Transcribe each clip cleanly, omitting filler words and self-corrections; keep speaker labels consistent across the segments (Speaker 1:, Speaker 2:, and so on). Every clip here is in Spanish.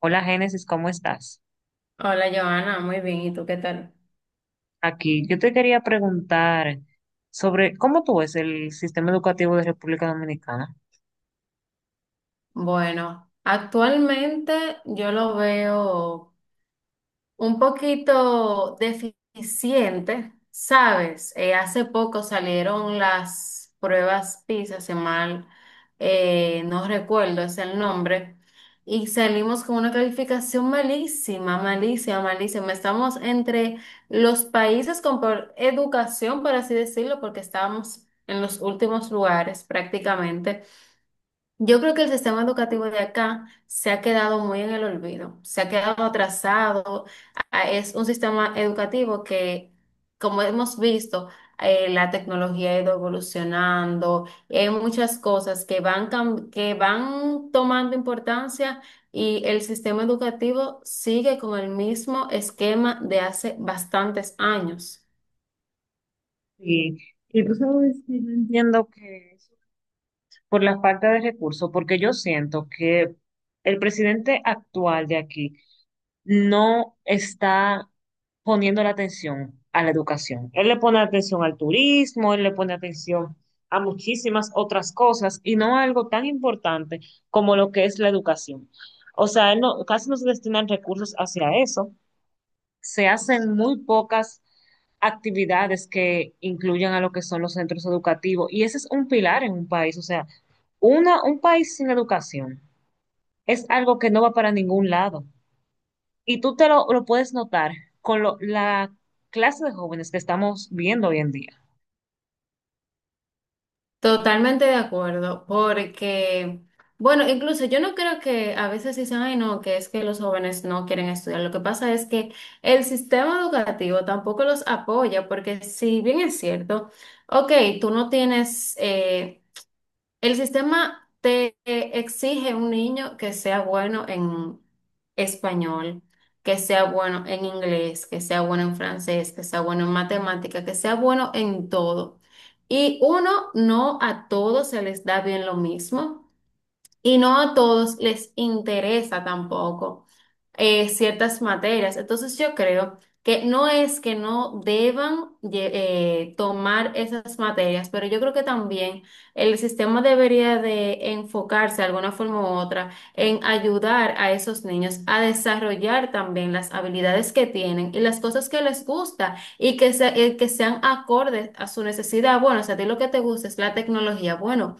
Speaker 1: Hola Génesis, ¿cómo estás?
Speaker 2: Hola Joana, muy bien. ¿Y tú qué tal?
Speaker 1: Aquí yo te quería preguntar sobre cómo tú ves el sistema educativo de República Dominicana.
Speaker 2: Bueno, actualmente yo lo veo un poquito deficiente, ¿sabes? Hace poco salieron las pruebas PISA, si mal no recuerdo es el nombre, y salimos con una calificación malísima, malísima, malísima. Estamos entre los países con peor educación, por así decirlo, porque estábamos en los últimos lugares prácticamente. Yo creo que el sistema educativo de acá se ha quedado muy en el olvido, se ha quedado atrasado. Es un sistema educativo que, como hemos visto, la tecnología ha ido evolucionando, hay muchas cosas que van, que van tomando importancia y el sistema educativo sigue con el mismo esquema de hace bastantes años.
Speaker 1: Y, y tú sabes que yo entiendo que eso por la falta de recursos, porque yo siento que el presidente actual de aquí no está poniendo la atención a la educación. Él le pone atención al turismo, él le pone atención a muchísimas otras cosas y no a algo tan importante como lo que es la educación. O sea, él no, casi no se destinan recursos hacia eso. Se hacen muy pocas actividades que incluyan a lo que son los centros educativos. Y ese es un pilar en un país. O sea, un país sin educación es algo que no va para ningún lado. Y tú te lo puedes notar con la clase de jóvenes que estamos viendo hoy en día.
Speaker 2: Totalmente de acuerdo, porque, bueno, incluso yo no creo que a veces dicen, ay, no, que es que los jóvenes no quieren estudiar. Lo que pasa es que el sistema educativo tampoco los apoya, porque si bien es cierto, ok, tú no tienes, el sistema te exige un niño que sea bueno en español, que sea bueno en inglés, que sea bueno en francés, que sea bueno en matemática, que sea bueno en todo. Y uno, no a todos se les da bien lo mismo. Y no a todos les interesa tampoco ciertas materias. Entonces yo creo que no es que no deban tomar esas materias, pero yo creo que también el sistema debería de enfocarse de alguna forma u otra en ayudar a esos niños a desarrollar también las habilidades que tienen y las cosas que les gusta y que, que sean acordes a su necesidad. Bueno, o sea, a ti lo que te gusta es la tecnología. Bueno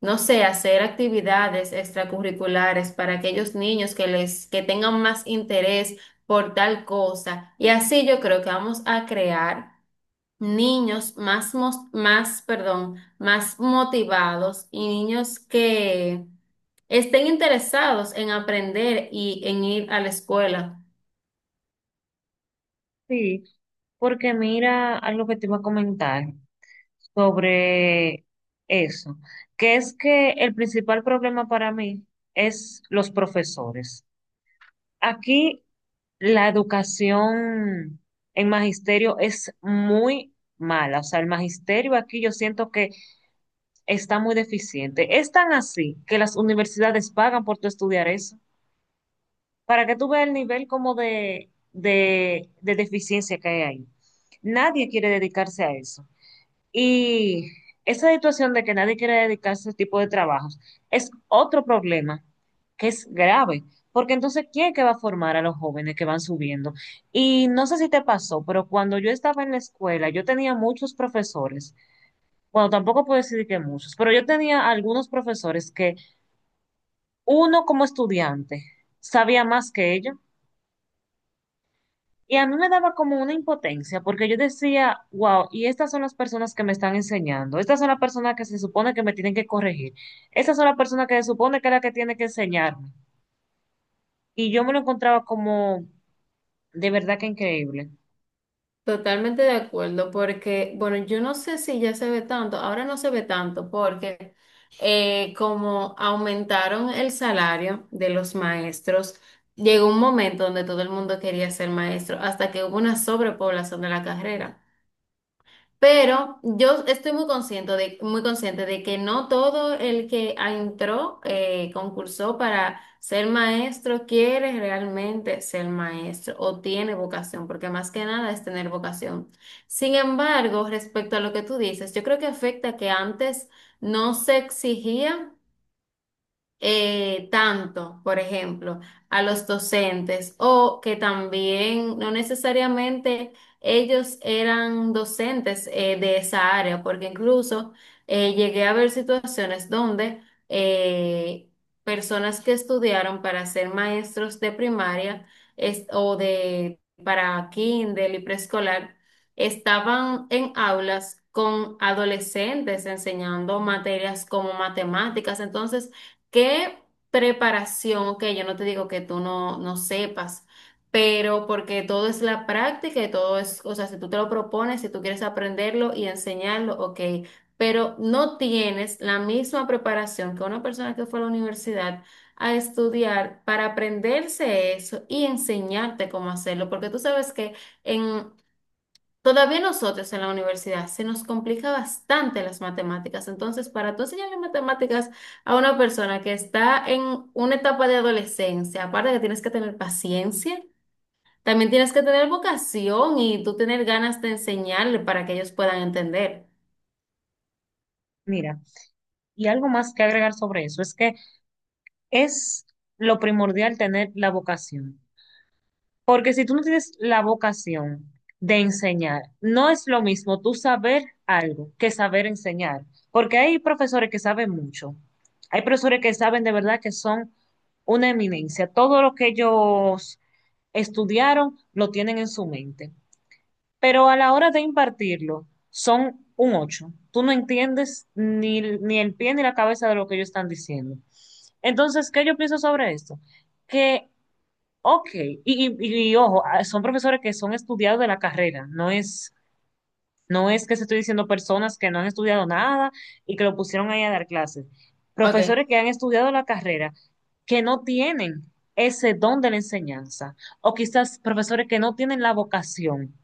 Speaker 2: no sé, hacer actividades extracurriculares para aquellos niños que les, que tengan más interés por tal cosa. Y así yo creo que vamos a crear niños más, más, perdón, más motivados y niños que estén interesados en aprender y en ir a la escuela.
Speaker 1: Sí, porque mira algo que te iba a comentar sobre eso, que es que el principal problema para mí es los profesores. Aquí la educación en magisterio es muy mala. O sea, el magisterio aquí yo siento que está muy deficiente. Es tan así que las universidades pagan por tu estudiar eso, para que tú veas el nivel como de, de deficiencia que hay ahí. Nadie quiere dedicarse a eso. Y esa situación de que nadie quiere dedicarse a ese tipo de trabajos es otro problema que es grave, porque entonces, ¿quién es que va a formar a los jóvenes que van subiendo? Y no sé si te pasó, pero cuando yo estaba en la escuela, yo tenía muchos profesores, bueno, tampoco puedo decir que muchos, pero yo tenía algunos profesores que uno como estudiante sabía más que ellos. Y a mí me daba como una impotencia, porque yo decía, wow, y estas son las personas que me están enseñando, estas son las personas que se supone que me tienen que corregir, estas son las personas que se supone que es la que tiene que enseñarme. Y yo me lo encontraba como de verdad que increíble.
Speaker 2: Totalmente de acuerdo, porque, bueno, yo no sé si ya se ve tanto, ahora no se ve tanto, porque como aumentaron el salario de los maestros, llegó un momento donde todo el mundo quería ser maestro, hasta que hubo una sobrepoblación de la carrera. Pero yo estoy muy consciente de que no todo el que entró, concursó para ser maestro, quiere realmente ser maestro o tiene vocación, porque más que nada es tener vocación. Sin embargo, respecto a lo que tú dices, yo creo que afecta que antes no se exigía tanto, por ejemplo, a los docentes o que también no necesariamente ellos eran docentes de esa área, porque incluso llegué a ver situaciones donde eh, personas que estudiaron para ser maestros de primaria o de para kinder y preescolar estaban en aulas con adolescentes enseñando materias como matemáticas, entonces ¿Qué preparación? Ok, yo no te digo que tú no, no sepas, pero porque todo es la práctica y todo es, o sea, si tú te lo propones, si tú quieres aprenderlo y enseñarlo, ok, pero no tienes la misma preparación que una persona que fue a la universidad a estudiar para aprenderse eso y enseñarte cómo hacerlo, porque tú sabes que en todavía a nosotros en la universidad se nos complica bastante las matemáticas. Entonces, para tú enseñarle matemáticas a una persona que está en una etapa de adolescencia, aparte que tienes que tener paciencia, también tienes que tener vocación y tú tener ganas de enseñarle para que ellos puedan entender.
Speaker 1: Mira, y algo más que agregar sobre eso es que es lo primordial tener la vocación. Porque si tú no tienes la vocación de enseñar, no es lo mismo tú saber algo que saber enseñar. Porque hay profesores que saben mucho. Hay profesores que saben de verdad que son una eminencia. Todo lo que ellos estudiaron lo tienen en su mente. Pero a la hora de impartirlo, son un ocho. Tú no entiendes ni el pie ni la cabeza de lo que ellos están diciendo. Entonces, ¿qué yo pienso sobre esto? Que Ok, ojo, son profesores que son estudiados de la carrera, no es que se estoy diciendo personas que no han estudiado nada y que lo pusieron ahí a dar clases.
Speaker 2: Ok,
Speaker 1: Profesores que han estudiado la carrera, que no tienen ese don de la enseñanza. O quizás profesores que no tienen la vocación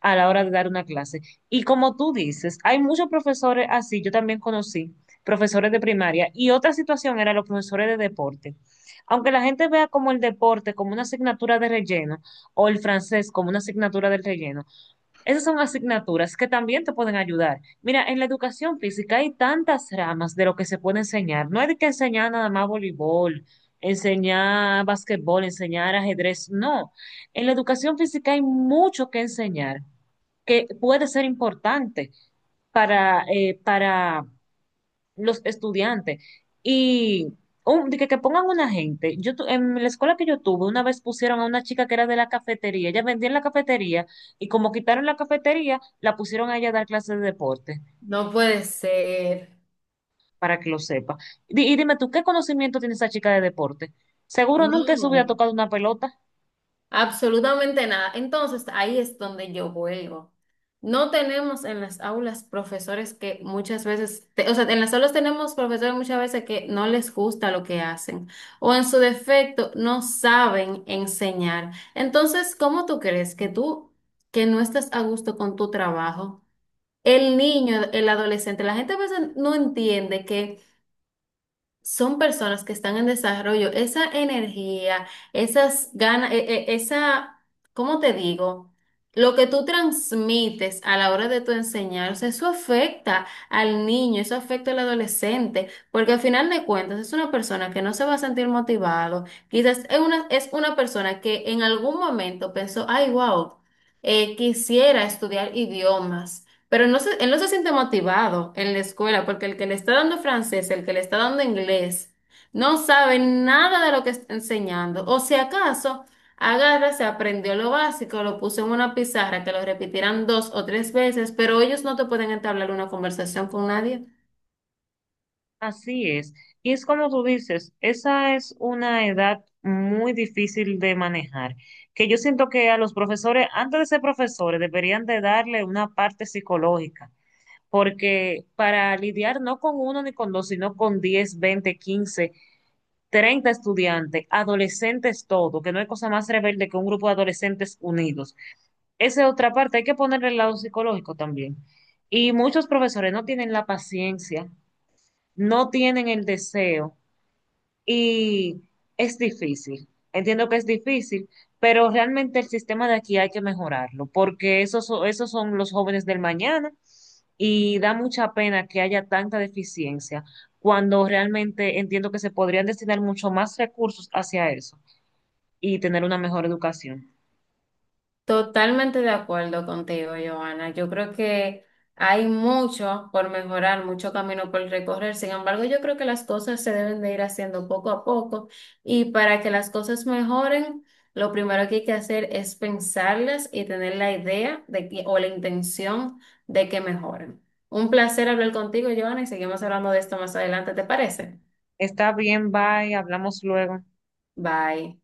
Speaker 1: a la hora de dar una clase. Y como tú dices, hay muchos profesores así, yo también conocí profesores de primaria. Y otra situación eran los profesores de deporte. Aunque la gente vea como el deporte como una asignatura de relleno o el francés como una asignatura del relleno, esas son asignaturas que también te pueden ayudar. Mira, en la educación física hay tantas ramas de lo que se puede enseñar. No hay que enseñar nada más voleibol, enseñar basquetbol, enseñar ajedrez. No, en la educación física hay mucho que enseñar que puede ser importante para los estudiantes. Y de que pongan una gente. En la escuela que yo tuve, una vez pusieron a una chica que era de la cafetería. Ella vendía en la cafetería y como quitaron la cafetería, la pusieron a ella a dar clases de deporte,
Speaker 2: no puede ser.
Speaker 1: para que lo sepa. Y, dime tú, ¿qué conocimiento tiene esa chica de deporte? Seguro nunca en su vida ha
Speaker 2: No.
Speaker 1: tocado una pelota.
Speaker 2: Absolutamente nada. Entonces, ahí es donde yo vuelvo. No tenemos en las aulas profesores que muchas veces, o sea, en las aulas tenemos profesores muchas veces que no les gusta lo que hacen o en su defecto no saben enseñar. Entonces, ¿cómo tú crees que tú, que no estás a gusto con tu trabajo? El niño, el adolescente, la gente a veces no entiende que son personas que están en desarrollo, esa energía, esas ganas, esa, ¿cómo te digo? Lo que tú transmites a la hora de tu enseñar, o sea, eso afecta al niño, eso afecta al adolescente, porque al final de cuentas es una persona que no se va a sentir motivado, quizás es una persona que en algún momento pensó, ay, wow, quisiera estudiar idiomas. Pero no se, él no se siente motivado en la escuela porque el que le está dando francés, el que le está dando inglés, no sabe nada de lo que está enseñando. O si acaso agarra, se aprendió lo básico, lo puso en una pizarra, que lo repetirán dos o tres veces, pero ellos no te pueden entablar una conversación con nadie.
Speaker 1: Así es. Y es como tú dices, esa es una edad muy difícil de manejar, que yo siento que a los profesores, antes de ser profesores, deberían de darle una parte psicológica, porque para lidiar no con uno ni con dos, sino con 10 20 15 30 estudiantes, adolescentes todo, que no hay cosa más rebelde que un grupo de adolescentes unidos. Esa es otra parte, hay que ponerle el lado psicológico también. Y muchos profesores no tienen la paciencia, no tienen el deseo y es difícil, entiendo que es difícil, pero realmente el sistema de aquí hay que mejorarlo, porque esos, esos son los jóvenes del mañana y da mucha pena que haya tanta deficiencia, cuando realmente entiendo que se podrían destinar mucho más recursos hacia eso y tener una mejor educación.
Speaker 2: Totalmente de acuerdo contigo, Joana. Yo creo que hay mucho por mejorar, mucho camino por recorrer. Sin embargo, yo creo que las cosas se deben de ir haciendo poco a poco y para que las cosas mejoren, lo primero que hay que hacer es pensarlas y tener la idea de que, o la intención de que mejoren. Un placer hablar contigo, Joana, y seguimos hablando de esto más adelante, ¿te parece?
Speaker 1: Está bien, bye, hablamos luego.
Speaker 2: Bye.